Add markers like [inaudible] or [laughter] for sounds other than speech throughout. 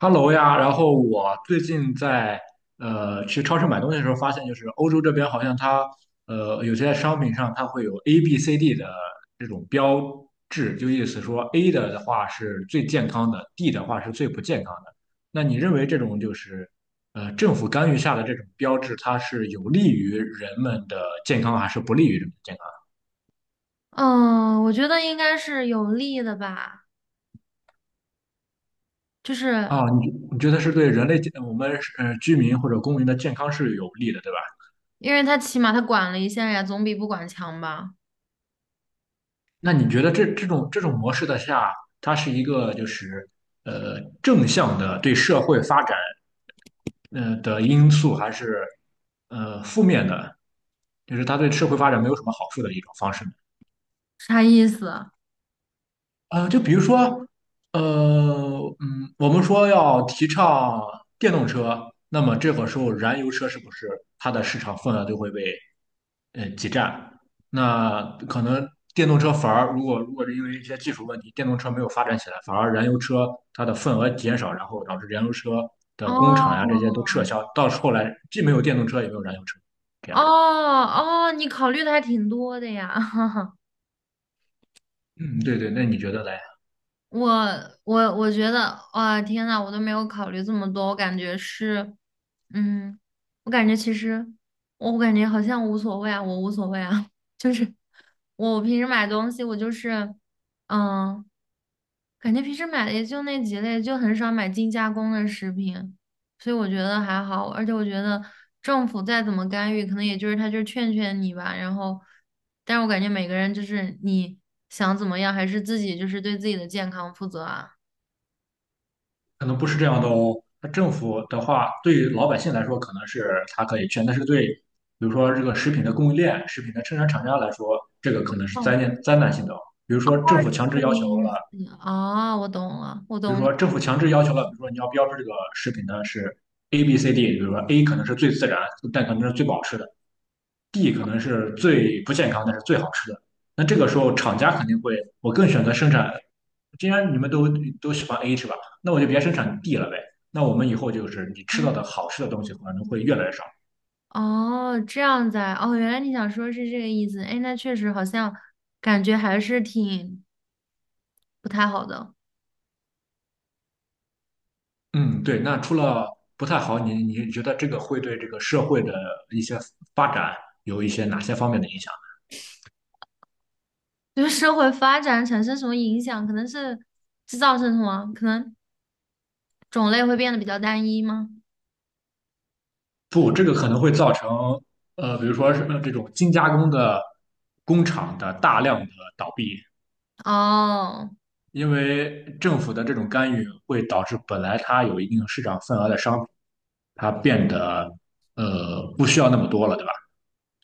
Hello 呀，然后我最近去超市买东西的时候，发现就是欧洲这边好像有些商品上它会有 A、B、C、D 的这种标志，就意思说 A 的话是最健康的，D 的话是最不健康的。那你认为这种就是政府干预下的这种标志，它是有利于人们的健康，还是不利于人们的健康？嗯，我觉得应该是有利的吧，就是啊，你觉得是对人类健我们居民或者公民的健康是有利的，对吧？因为他起码他管了一下呀，总比不管强吧？那你觉得这种模式的下，它是一个就是正向的对社会发展的因素，还是负面的，就是它对社会发展没有什么好处的一种方式呢？啥意思啊？就比如说，我们说要提倡电动车，那么这个时候燃油车是不是它的市场份额就会被挤占？那可能电动车反而如果是因为一些技术问题，电动车没有发展起来，反而燃油车它的份额减少，然后导致燃油车的工厂呀这哦些都撤销，到后来既没有电动车也没有燃油车，这样。哦哦，你考虑的还挺多的呀。[laughs] 嗯，对对，那你觉得嘞？我我觉得，哇，天呐，我都没有考虑这么多，我感觉是，嗯，我感觉其实我感觉好像无所谓啊，我无所谓啊，[laughs] 就是我平时买东西，我就是，嗯。感觉平时买的也就那几类，就很少买精加工的食品，所以我觉得还好。而且我觉得政府再怎么干预，可能也就是他就是劝劝你吧。然后，但是我感觉每个人就是你想怎么样，还是自己就是对自己的健康负责啊。可能不是这样的哦。那政府的话，对于老百姓来说，可能是它可以劝，但是对，比如说这个食品的供应链、食品的生产厂家来说，这个可能是哦，灾难性的哦。比如说政府强这制个要求意了，思。哦，我懂了，我比如懂你。说政府强制要求了，比如说你要标志这个食品呢是 A、B、C、D，比如说 A 可能是最自然，但可能是最保好吃的；D 可能是最不健康，但是最好吃的。那这个时候，厂家肯定会，我更选择生产。既然你们都喜欢 A 是吧？那我就别生产 D 了呗。那我们以后就是你哦吃到的好吃的东西可能会越来越少。哦，这样子啊，哦，原来你想说是这个意思。哎，那确实好像感觉还是挺不太好的。嗯，对。那除了不太好，你觉得这个会对这个社会的一些发展有一些哪些方面的影响？对社会发展产生什么影响？可能是制造生什么？可能种类会变得比较单一吗？不，这个可能会造成比如说是这种精加工的工厂的大量的倒闭，哦，因为政府的这种干预会导致本来它有一定市场份额的商品，它变得不需要那么多了。对吧？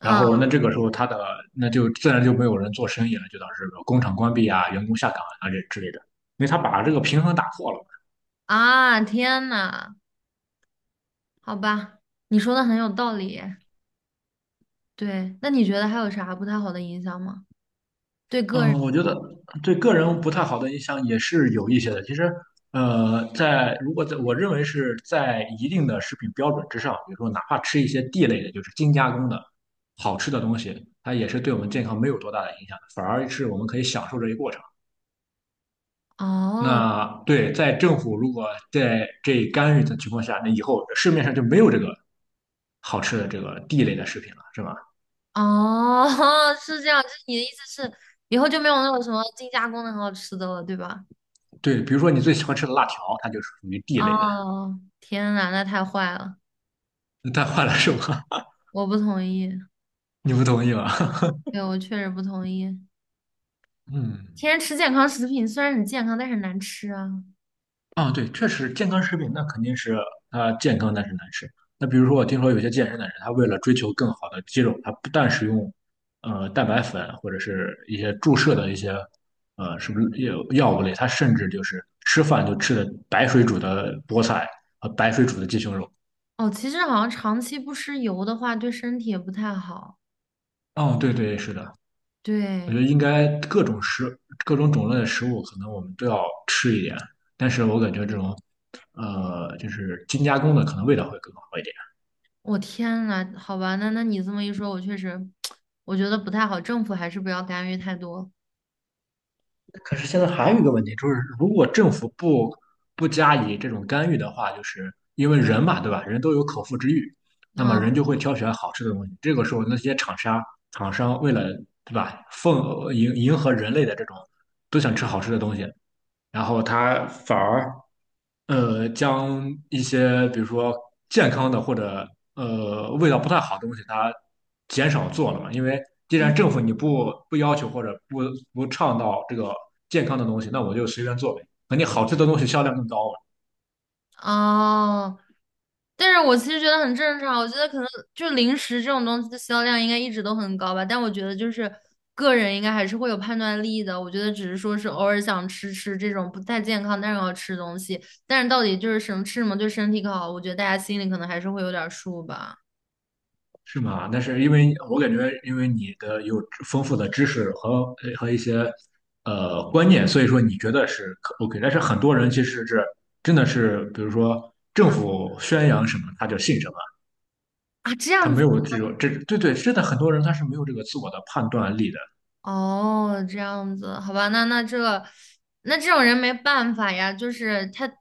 然后那这个时候那就自然就没有人做生意了，就导致工厂关闭啊、员工下岗啊这之类的，因为他把这个平衡打破了。啊，天呐，好吧，你说的很有道理。对，那你觉得还有啥不太好的影响吗？对个人？嗯，我觉得对个人不太好的影响也是有一些的。其实，如果在我认为是在一定的食品标准之上，比如说哪怕吃一些地类的，就是精加工的好吃的东西，它也是对我们健康没有多大的影响的，反而是我们可以享受这一过程。哦那对，在政府如果在这干预的情况下，那以后市面上就没有这个好吃的这个地类的食品了，是吧？哦，[laughs] 是这样，就是你的意思是以后就没有那种什么精加工的很好吃的了，对吧？对，比如说你最喜欢吃的辣条，它就是属于地类的，哦，天呐，那太坏了，它换了是吧？我不同意。[laughs] 你不同意吧？对，我确实不同意。[laughs] 嗯。天天吃健康食品虽然很健康，但是很难吃啊。啊，对，确实健康食品那肯定是它健康，但是难吃。那比如说，我听说有些健身的人，他为了追求更好的肌肉，他不但使用蛋白粉或者是一些注射的一些是不是药物类，他甚至就是吃饭就吃的白水煮的菠菜和白水煮的鸡胸肉。哦，其实好像长期不吃油的话，对身体也不太好。哦，对对，是的，我对，觉得应该各种种类的食物，可能我们都要吃一点，但是我感觉这种就是精加工的，可能味道会更好一点。我天呐，好吧，那你这么一说，我确实，[tsk] 我觉得不太好。政府还是不要干预太多。可是现在还有一个问题，就是如果政府不加以这种干预的话，就是因为人嘛，对吧？人都有口腹之欲，那么嗯人就会挑选好吃的东西。这个时候，那些厂商为了对吧，迎合人类的这种都想吃好吃的东西，然后他反而将一些比如说健康的或者味道不太好的东西，它减少做了嘛。因为既嗯。然政府你不要求或者不倡导这个健康的东西，那我就随便做呗。肯定好吃的东西销量更高啊。哦，但是我其实觉得很正常，我觉得可能就零食这种东西的销量应该一直都很高吧，但我觉得就是个人应该还是会有判断力的，我觉得只是说是偶尔想吃吃这种不太健康但是要吃的东西，但是到底就是什么吃什么对身体更好，我觉得大家心里可能还是会有点数吧。是吗？那是因为我感觉，因为你的有丰富的知识和一些观念，所以说你觉得是OK。但是很多人其实是真的是，比如说政啊府宣扬什么他就信什么。啊，这他样没子。有这有这，对对，是的，很多人他是没有这个自我的判断力的。哦，这样子，好吧，那这种人没办法呀，就是他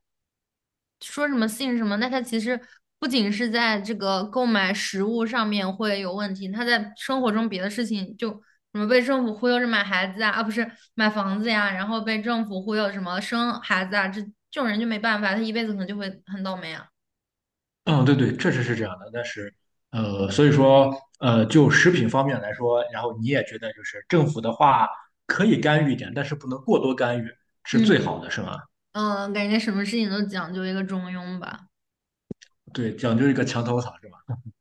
说什么信什么，那他其实不仅是在这个购买食物上面会有问题，他在生活中别的事情就什么被政府忽悠着买孩子啊，啊不是买房子呀，然后被政府忽悠什么生孩子啊，这这种人就没办法，他一辈子可能就会很倒霉啊。嗯，对对，确实是这样的。但是，所以说，就食品方面来说，然后你也觉得就是政府的话可以干预一点，但是不能过多干预，是最嗯好的，是吗？嗯，感觉什么事情都讲究一个中庸吧。对，讲究一个墙头草，是吧？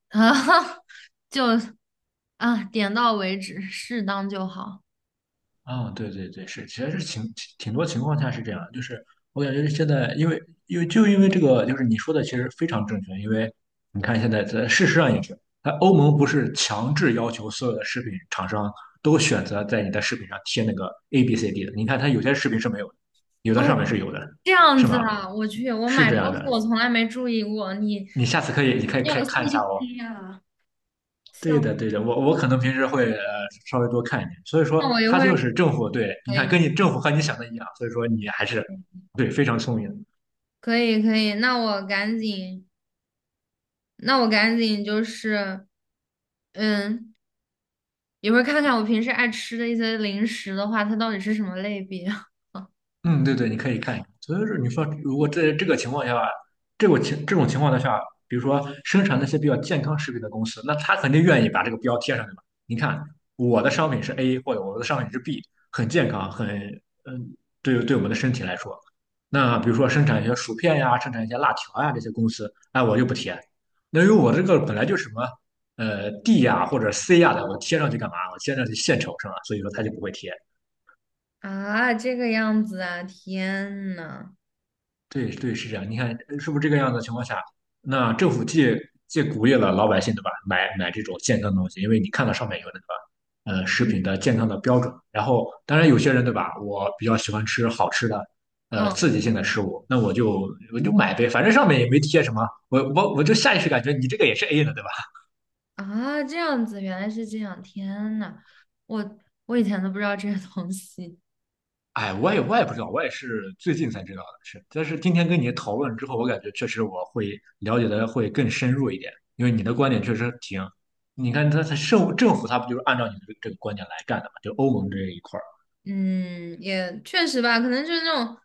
啊，[laughs] 就啊，点到为止，适当就好。啊、对对对，是，其实是挺多情况下是这样，就是我感觉现在，因为就因为这个，就是你说的其实非常正确，因为你看现在在事实上也是，它欧盟不是强制要求所有的食品厂商都选择在你的食品上贴那个 A B C D 的，你看它有些食品是没有的，有的哦，上面是有的，这样是子吗？啊，我去，我是买这东样西的，我从来没注意过，你你下次可以，你可以你有可以看一下细哦。心啊。对笑，的，对的，我可能平时会稍微多看一点，所以那说我一他会儿就是政府对，你可看以，跟你政府和你想的一样，所以说你还是对非常聪明。可以，可以，那我赶紧，那我赶紧就是，嗯，一会儿看看我平时爱吃的一些零食的话，它到底是什么类别 [laughs] 嗯，对对，你可以看一看。所以说，你说如果在这个情况下，这种情况的下，比如说生产那些比较健康食品的公司，那他肯定愿意把这个标贴上去嘛。你看，我的商品是 A，或者我的商品是 B，很健康，很嗯，对我们的身体来说。那比如说生产一些薯片呀，生产一些辣条呀这些公司，哎，我就不贴。那因为我这个本来就是什么D 呀或者 C 呀的，我贴上去干嘛？我贴上去献丑是吧？所以说他就不会贴。啊？这个样子啊，天呐，对对，是这样。你看，是不是这个样子的情况下，那政府借鼓励了老百姓，对吧？买这种健康的东西，因为你看到上面有那个食品嗯，的健康的标准。然后，当然有些人，对吧？我比较喜欢吃好吃的，刺哦激性的食物，那我就买呗，反正上面也没贴什么，我就下意识感觉你这个也是 A 的，对吧？啊，这样子，原来是这样，天呐，我我以前都不知道这些东西。哎，我也不知道，我也是最近才知道的，是。但是今天跟你讨论之后，我感觉确实我会了解的会更深入一点，因为你的观点确实挺，你看他政府他不就是按照你的这个观点来干的嘛？就欧盟这一块儿，嗯，也确实吧，可能就是那种，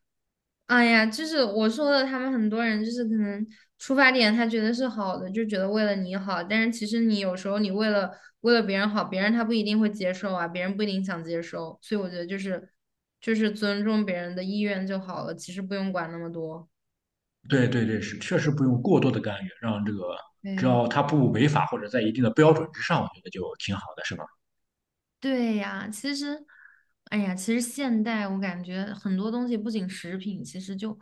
哎呀，就是我说的，他们很多人就是可能出发点他觉得是好的，就觉得为了你好，但是其实你有时候你为了别人好，别人他不一定会接受啊，别人不一定想接受，所以我觉得就是尊重别人的意愿就好了，其实不用管那么多。对对对，是确实不用过多的干预，让这个只对。要他不违法或者在一定的标准之上，我觉得就挺好的，是吧？对呀，其实，哎呀，其实现代我感觉很多东西，不仅食品，其实就，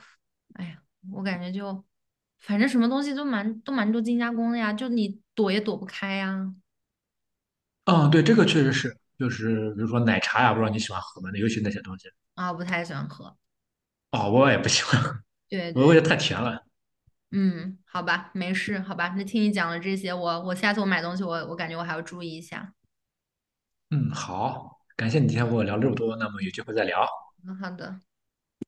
哎呀，我感觉就，反正什么东西都蛮多精加工的呀，就你躲也躲不开呀。嗯，对，这个确实是，就是比如说奶茶呀，不知道你喜欢喝吗？那尤其那些东西，啊，不太喜欢喝。哦，我也不喜欢，[laughs] 对我对，觉得太甜了。嗯，好吧，没事，好吧，那听你讲了这些，我下次我买东西我感觉我还要注意一下。嗯，好，感谢你今天和我聊这么多，那么有机会再聊。嗯，好的。